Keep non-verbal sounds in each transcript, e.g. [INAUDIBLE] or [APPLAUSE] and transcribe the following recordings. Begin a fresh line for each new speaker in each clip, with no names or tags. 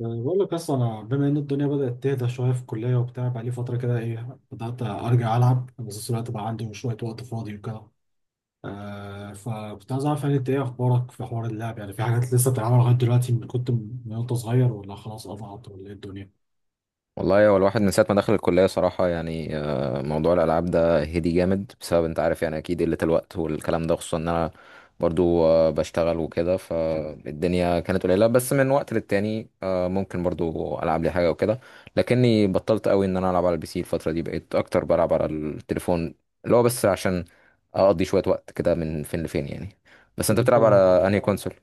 يعني بقول لك، اصلا انا بما ان الدنيا بدات تهدى شويه في الكليه وبتاع، بقى لي فتره كده ايه، بدات ارجع العب، بس الوقت بقى عندي شويه وقت فاضي وكده. آه فكنت عايز اعرف، يعني انت ايه اخبارك في حوار اللعب، يعني في حاجات لسه بتلعبها لغايه دلوقتي من وانت صغير، ولا خلاص قطعت ولا ايه الدنيا؟
والله هو الواحد من ساعة ما دخل الكلية صراحة، يعني موضوع الألعاب ده هدي جامد بسبب أنت عارف، يعني أكيد قلة الوقت والكلام ده، خصوصا إن أنا برضو بشتغل وكده، فالدنيا كانت قليلة، بس من وقت للتاني ممكن برضو ألعب لي حاجة وكده. لكني بطلت قوي إن أنا ألعب على البي سي، الفترة دي بقيت أكتر بلعب على التليفون، اللي هو بس عشان أقضي شوية وقت كده من فين لفين يعني. بس
طب
أنت
انت.
بتلعب على أنهي كونسول؟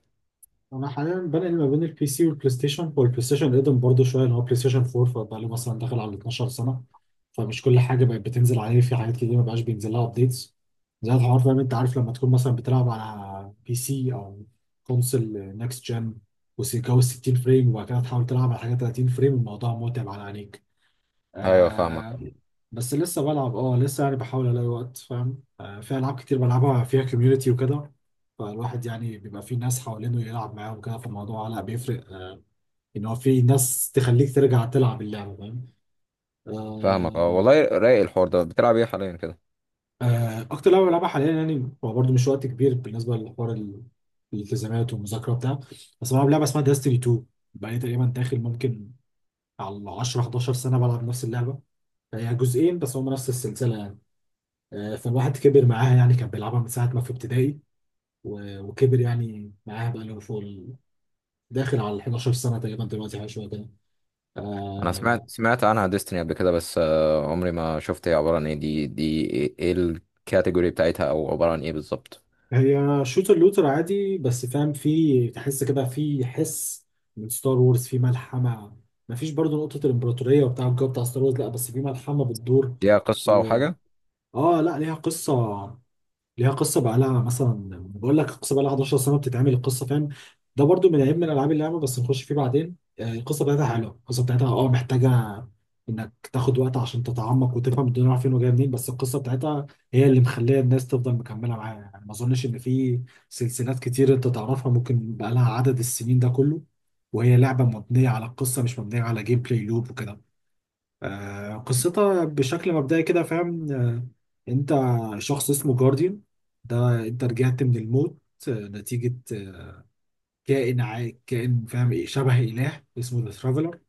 انا حاليا بنقل ما بين البي سي والبلاي ستيشن، هو البلاي ستيشن قدم برضه شويه اللي هو بلاي ستيشن 4، فبقى له مثلا داخل على 12 سنه. فمش كل حاجه بقت بتنزل عليه، في حاجات كتير ما بقاش بينزل لها ابديتس. زي الحوار فاهم، انت عارف لما تكون مثلا بتلعب على بي سي او كونسل نكست جن وجو 60 فريم، وبعد كده تحاول تلعب على حاجه 30 فريم، الموضوع متعب على عينيك.
أيوه، فاهمك.
آه. بس لسه بلعب، لسه يعني بحاول الاقي وقت فاهم، في العاب كتير بلعبها فيها كوميونتي وكده. فالواحد يعني بيبقى في ناس حوالينه يلعب معاهم وكده، فالموضوع لا بيفرق، ان هو في ناس تخليك ترجع تلعب اللعبه فاهم.
فاهمك، أه،
آه
والله رايق الحوار ده. بتلعب إيه حاليا كده؟
آه. اكتر لعبه بلعبها حاليا يعني، هو برضه مش وقت كبير بالنسبه لحوار الالتزامات والمذاكره وبتاع، بس بلعب لعبه اسمها داستني 2. بقالي تقريبا داخل، ممكن على 10 11 سنه بلعب نفس اللعبه، هي جزئين بس هم نفس السلسله يعني. فالواحد كبر معاها يعني، كان بيلعبها من ساعة ما في ابتدائي وكبر يعني معاها، بقى له فوق داخل على ال 11 سنة تقريبا دلوقتي، حاجة شوية كده.
انا
آه،
سمعت عنها ديستني قبل كده، بس عمري ما شفت هي عبارة عن ايه. دي إيه الكاتيجوري بتاعتها، او عبارة عن ايه بالظبط؟
هي شوتر لوتر عادي، بس فاهم في تحس كده، في حس من ستار وورز، في ملحمة. مفيش برضو نقطة الإمبراطورية وبتاع الجو بتاع ستار وورز، لا بس في ملحمة بتدور.
ليها قصة او
و
حاجة؟
اه لا، ليها قصة. ليها قصه، بقى لها مثلا، بقول لك القصه بقى لها 11 سنه بتتعمل القصه فاهم. ده برضو من عيب من العاب اللعبه، بس نخش فيه بعدين. القصه بتاعتها حلوه، القصه بتاعتها محتاجه انك تاخد وقت عشان تتعمق وتفهم الدنيا رايحه فين وجايه منين، بس القصه بتاعتها هي اللي مخليه الناس تفضل مكمله معاها يعني. ما اظنش ان في سلسلات كتير انت تعرفها ممكن بقى لها عدد السنين ده كله، وهي لعبه مبنيه على القصه، مش مبنيه على جيم بلاي لوب وكده. قصتها بشكل مبدئي كده فاهم. انت شخص اسمه جارديان، ده انت رجعت من الموت، نتيجة كائن كائن فاهم، ايه شبه اله اسمه ذا ترافلر،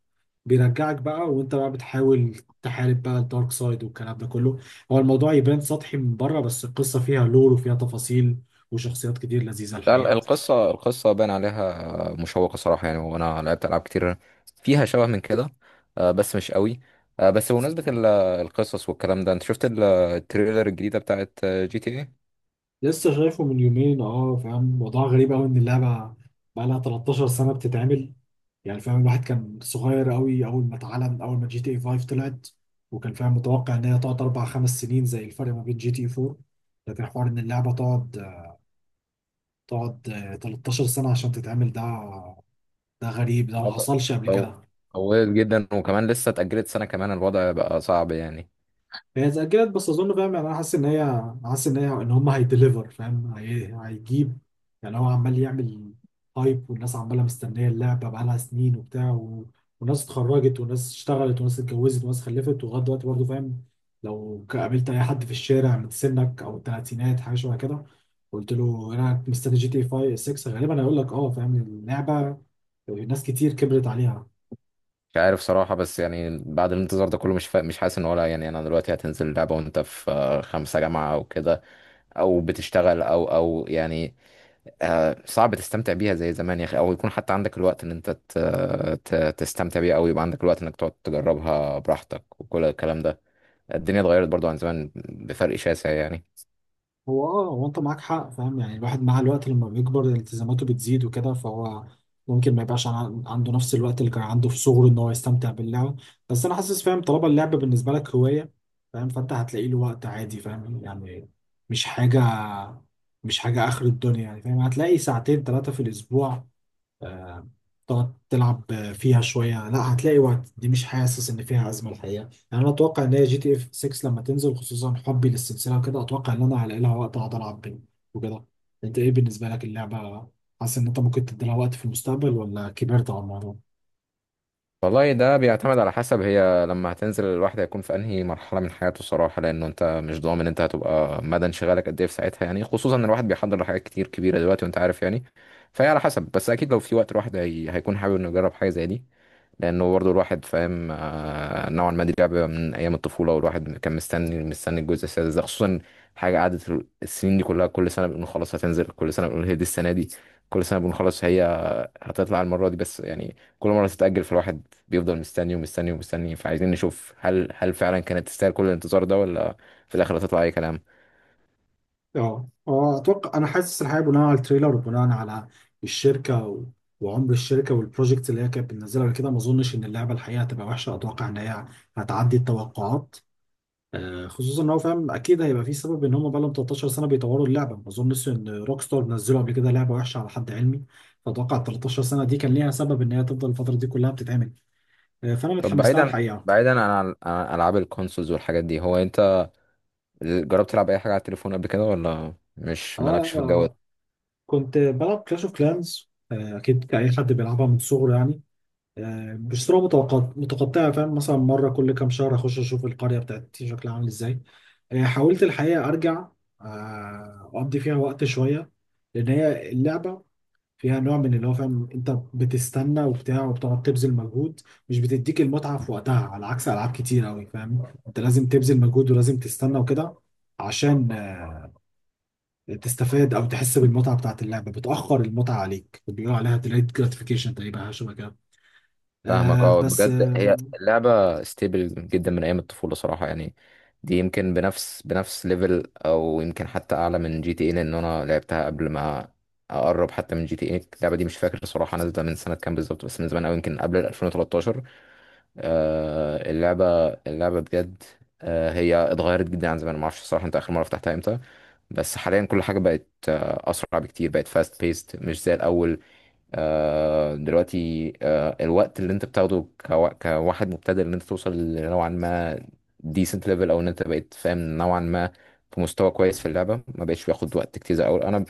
بيرجعك بقى وانت بقى بتحاول تحارب بقى الدارك سايد والكلام ده كله. هو الموضوع يبان سطحي من بره، بس القصة فيها لور وفيها تفاصيل وشخصيات كتير لذيذة
لا،
الحقيقة.
القصة باين عليها مشوقة صراحة، يعني وانا لعبت العاب كتير فيها شبه من كده، بس مش قوي. بس بمناسبة القصص والكلام ده، انت شفت التريلر الجديدة بتاعت جي تي ايه؟
لسه شايفه من يومين فاهم، موضوع غريب قوي ان اللعبه بقى لها 13 سنه بتتعمل. يعني فاهم الواحد كان صغير قوي اول ما اتعلن، اول ما جي تي اي 5 طلعت، وكان فاهم متوقع ان هي تقعد 4 5 سنين زي الفرق ما بين جي تي اي 4. لكن حوار ان اللعبه تقعد 13 سنه عشان تتعمل، ده غريب، ده ما حصلش قبل كده.
طولت جدا وكمان لسه اتأجلت سنة كمان، الوضع بقى صعب يعني.
هي اتأجلت، بس أظن فاهم يعني، أنا حاسس إن هي إن هم هيدليفر، فاهم، هيجيب، يعني هو عمال يعمل هايب والناس عمالة مستنية اللعبة بقالها سنين وبتاع، وناس اتخرجت وناس اشتغلت وناس اتجوزت وناس خلفت، ولغاية دلوقتي برضه فاهم، لو قابلت أي حد في الشارع من سنك أو التلاتينات حاجة شبه كده، قلت له أنا مستني جي تي 5 6 غالبا هيقول لك أه فاهم اللعبة، ناس كتير كبرت عليها.
مش عارف صراحة، بس يعني بعد الانتظار ده كله مش حاسس ان ولا، يعني انا دلوقتي هتنزل اللعبة وانت في خمسة جامعة او كده، او بتشتغل، او يعني صعب تستمتع بيها زي زمان يا اخي، او يكون حتى عندك الوقت ان انت تستمتع بيها، او يبقى عندك الوقت انك تقعد تجربها براحتك وكل الكلام ده. الدنيا اتغيرت برضو عن زمان بفرق شاسع يعني.
هو انت معاك حق فاهم، يعني الواحد مع الوقت لما بيكبر التزاماته بتزيد وكده، فهو ممكن ما يبقاش عنده نفس الوقت اللي كان عنده في صغره ان هو يستمتع باللعب. بس انا حاسس فاهم، طالما اللعب بالنسبه لك هوايه فاهم، فانت هتلاقي له وقت عادي فاهم يعني. مش حاجه مش حاجه اخر الدنيا يعني فاهم، هتلاقي ساعتين ثلاثه في الاسبوع تقعد تلعب فيها شوية، لا هتلاقي وقت، دي مش حاسس ان فيها أزمة الحقيقة. يعني انا اتوقع ان هي جي تي اف 6 لما تنزل، خصوصا حبي للسلسلة وكده، اتوقع ان انا هلاقي لها وقت اقعد العب بيه وكده. انت ايه بالنسبة لك اللعبة، حاسس ان انت ممكن تدي لها وقت في المستقبل ولا كبرت على الموضوع؟
والله ده بيعتمد على حسب هي لما هتنزل الواحد هيكون في انهي مرحله من حياته الصراحه، لانه انت مش ضامن انت هتبقى مدى انشغالك قد ايه في ساعتها، يعني خصوصا ان الواحد بيحضر لحاجات كتير كبيره دلوقتي وانت عارف يعني. فهي على حسب، بس اكيد لو في وقت الواحد هيكون حابب انه يجرب حاجه زي دي. لانه برضه الواحد فاهم نوعا ما دي لعبه من ايام الطفوله، والواحد كان مستني الجزء السادس ده خصوصا. حاجه قعدت السنين دي كلها، كل سنه بنقول خلاص هتنزل، كل سنه بنقول هي دي السنه دي، كل سنه بنقول خلاص هي هتطلع المرة دي، بس يعني كل مرة تتأجل فالواحد بيفضل مستني ومستني ومستني. فعايزين نشوف هل فعلا كانت تستاهل كل الانتظار ده، ولا في الآخر هتطلع أي كلام.
اه اتوقع، انا حاسس الحقيقة بناء على التريلر وبناء على الشركة وعمر الشركة والبروجكت اللي هي كانت بتنزلها قبل كده، ما اظنش ان اللعبة الحقيقة هتبقى وحشة، اتوقع ان هي هتعدي التوقعات. خصوصا ان هو فاهم، اكيد هيبقى في سبب ان هم بقى لهم 13 سنه بيطوروا اللعبه، ما اظنش ان روك ستار نزلوا قبل كده لعبه وحشه على حد علمي. فاتوقع ال 13 سنه دي كان ليها سبب ان هي تفضل الفتره دي كلها بتتعمل. فانا
طب
متحمس لها
بعيدا
الحقيقه.
بعيدا عن ألعاب الكونسولز والحاجات دي، هو أنت جربت تلعب أي حاجة على التليفون قبل كده، ولا
اه
مش مالكش في الجو
آه،
ده؟
كنت بلعب كلاش اوف كلانز، اكيد كاي حد بيلعبها من صغره يعني. بشتريها متقطعه، فاهم، مثلا مره كل كام شهر اخش اشوف القريه بتاعتي شكلها عامل ازاي. حاولت الحقيقه ارجع اقضي فيها وقت شويه. لان هي اللعبه فيها نوع من اللي هو فاهم، انت بتستنى وبتاع، وبتقعد تبذل مجهود، مش بتديك المتعه في وقتها، على عكس العاب كتير قوي فاهم، انت لازم تبذل مجهود ولازم تستنى وكده عشان تستفاد او تحس بالمتعه بتاعت اللعبه، بتاخر المتعه عليك، بيقولوا عليها delayed gratification، تقريبا حاجه شبه كده.
فاهمك.
آه
اه
بس
بجد هي
آه
اللعبة ستيبل جدا من أيام الطفولة صراحة يعني. دي يمكن بنفس ليفل، أو يمكن حتى أعلى من جي تي اي، لأن أنا لعبتها قبل ما، أقرب حتى من جي تي اي. اللعبة دي مش فاكر صراحة نازلة من سنة كام بالظبط، بس من زمان أوي، يمكن قبل ال 2013. اللعبة بجد. هي اتغيرت جدا عن زمان، معرفش صراحة أنت آخر مرة فتحتها إمتى، بس حاليا كل حاجة بقت أسرع بكتير، بقت فاست بيست مش زي الأول. دلوقتي الوقت اللي انت بتاخده كواحد مبتدئ ان انت توصل نوعا ما decent level، او ان انت بقيت فاهم نوعا ما في مستوى كويس في اللعبه، ما بقتش بياخد وقت كتير زي الاول. انا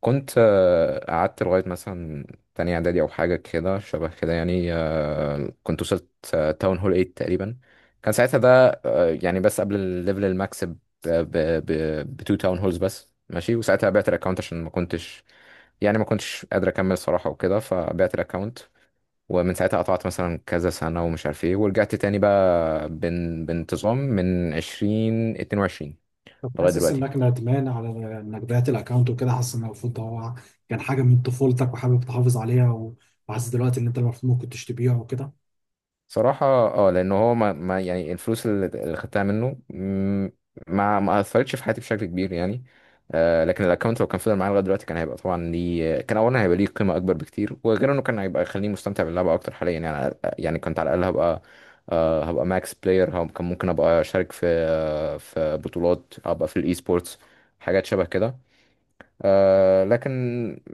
كنت قعدت لغاية مثلا تانية إعدادي أو حاجة كده شبه كده يعني، كنت وصلت تاون هول 8 تقريبا، كان ساعتها ده يعني بس قبل الليفل الماكس ب ب ب بتو تاون هولز بس، ماشي. وساعتها بعت الأكونت عشان ما كنتش، يعني ما كنتش قادر أكمل صراحة وكده فبعت الأكونت، ومن ساعتها قطعت مثلا كذا سنة ومش عارف ايه، ورجعت تاني بقى بانتظام من عشرين اتنين وعشرين
طب
لغاية
حاسس
دلوقتي.
انك ندمان على انك بعت الاكونت وكده، حاسس ان المفروض ده هو كان حاجه من طفولتك وحابب تحافظ عليها، وحاسس دلوقتي ان انت المفروض ممكن تشتبيها وكده.
صراحة اه، لأن هو ما, ما يعني الفلوس اللي خدتها منه، ما أثرتش في حياتي بشكل كبير يعني. لكن الأكونت لو كان فضل معايا لغاية دلوقتي كان هيبقى طبعا ليه، كان أولا هيبقى ليه قيمة أكبر بكتير، وغير إنه كان هيبقى يخليني مستمتع باللعبة أكتر حاليا يعني. يعني كنت على الأقل هبقى هبقى ماكس بلاير، كان ممكن أبقى أشارك في بطولات، أبقى في الإي سبورتس، حاجات شبه كده. لكن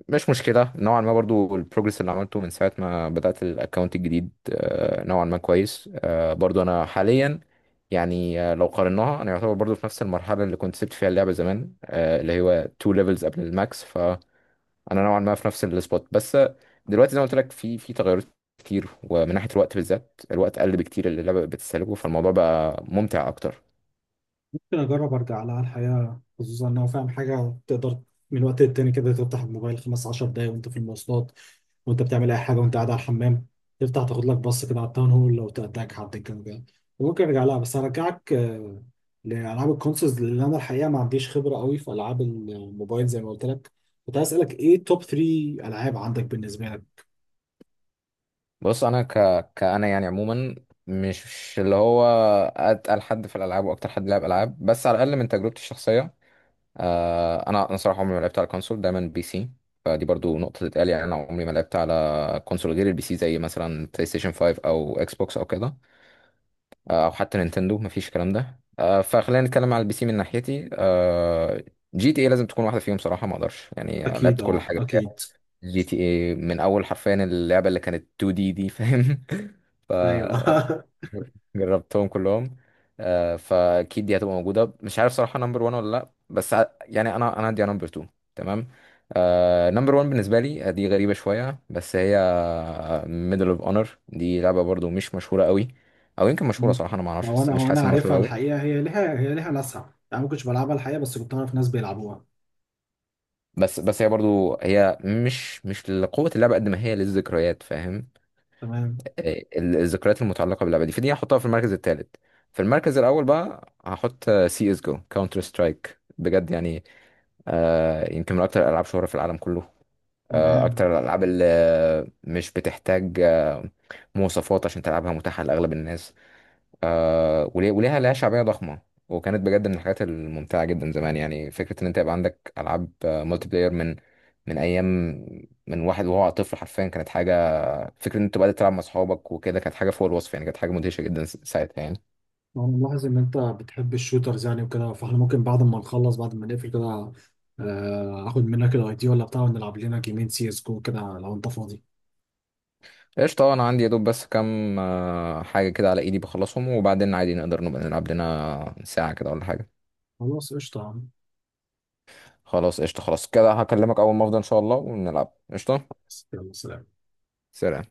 مش مشكلة نوعا ما برضو، البروجرس اللي عملته من ساعة ما بدأت الاكونت الجديد نوعا ما كويس. برضو أنا حاليا، يعني لو قارناها أنا يعتبر برضو في نفس المرحلة اللي كنت سبت فيها اللعبة زمان، اللي هو تو ليفلز قبل الماكس، فأنا نوعا ما في نفس السبوت. بس دلوقتي زي ما قلت لك في تغيرات كتير، ومن ناحية الوقت بالذات الوقت قل بكتير اللي اللعبة بتستهلكه، فالموضوع بقى ممتع أكتر.
ممكن أجرب أرجع لها الحقيقة، خصوصا إن هو فاهم، حاجة تقدر من وقت للتاني كده تفتح الموبايل 15 دقايق وأنت في المواصلات، وأنت بتعمل أي حاجة، وأنت قاعد على الحمام، تفتح تاخد لك بص كده على التاون هول لو تأتاك حد كان جاي، وممكن أرجع لها، بس هرجعك لألعاب الكونسولز، لأن أنا الحقيقة ما عنديش خبرة قوي في ألعاب الموبايل زي ما قلت لك. كنت عايز أسألك إيه توب 3 ألعاب عندك بالنسبة لك؟
بص انا كأنا يعني عموما، مش اللي هو اتقل حد في الالعاب واكتر حد لعب العاب، بس على الاقل من تجربتي الشخصيه، انا صراحه عمري ما لعبت على كونسول، دايما بي سي. فدي برضو نقطه تتقال، يعني انا عمري ما لعبت على كونسول غير البي سي، زي مثلا بلاي ستيشن 5 او اكس بوكس او كده، او حتى نينتندو، مفيش الكلام ده. فخلينا نتكلم على البي سي من ناحيتي. جي تي اي لازم تكون واحده فيهم صراحه، ما اقدرش يعني،
أكيد،
لعبت كل
أه،
حاجه فيها.
أكيد.
جي تي اي من اول حرفيا اللعبه اللي كانت 2 دي، دي فاهم. [LAUGHS] ف
أيوه [LAUGHS]
جربتهم كلهم. فاكيد دي هتبقى موجوده، مش عارف صراحه نمبر 1 ولا لا، بس يعني انا عندي نمبر 2. تمام. نمبر 1 بالنسبه لي دي غريبه شويه، بس هي ميدل اوف اونر. دي لعبه برضو مش مشهوره قوي، او يمكن مشهوره
ما
صراحه انا ما اعرفش،
هو
بس
انا
مش
هو
حاسس
انا
انها مشهوره
عارفها
قوي.
الحقيقه، هي ليها ناسها، يعني ما كنتش بلعبها الحقيقه بس كنت اعرف ناس بيلعبوها.
بس هي برضو هي مش لقوه اللعبه قد ما هي للذكريات، فاهم.
تمام.
الذكريات المتعلقه باللعبه دي، فدي هحطها في المركز الثالث. في المركز الاول بقى هحط سي اس جو، كاونتر سترايك بجد يعني. يمكن من اكتر الالعاب شهره في العالم كله.
تمام.
اكتر الالعاب اللي مش بتحتاج مواصفات عشان تلعبها، متاحه لاغلب الناس، وليها شعبيه ضخمه. وكانت بجد من الحاجات الممتعه جدا زمان. يعني فكره ان انت يبقى عندك العاب مالتي بلاير من ايام، من واحد وهو طفل حرفيا، كانت حاجه. فكرة ان انت بقى تلعب مع اصحابك وكده كانت حاجة فوق الوصف، يعني كانت حاجة مدهشة جدا ساعتها يعني.
وانا ملاحظ ان انت بتحب الشوترز، يعني وكده، فاحنا ممكن بعد ما نخلص بعد ما نقفل كده اخد منك الاي دي ولا بتاع، ونلعب لنا جيمين سي اس جو كده لو انت فاضي.
قشطة. انا عندي يا دوب بس كام حاجة كده على ايدي، بخلصهم وبعدين عادي نقدر نبقى نلعب لنا ساعة كده ولا حاجة.
خلاص قشطه يا عم.
خلاص قشطة، خلاص كده هكلمك اول ما افضى ان شاء الله ونلعب، قشطة.
يلا سلام.
سلام.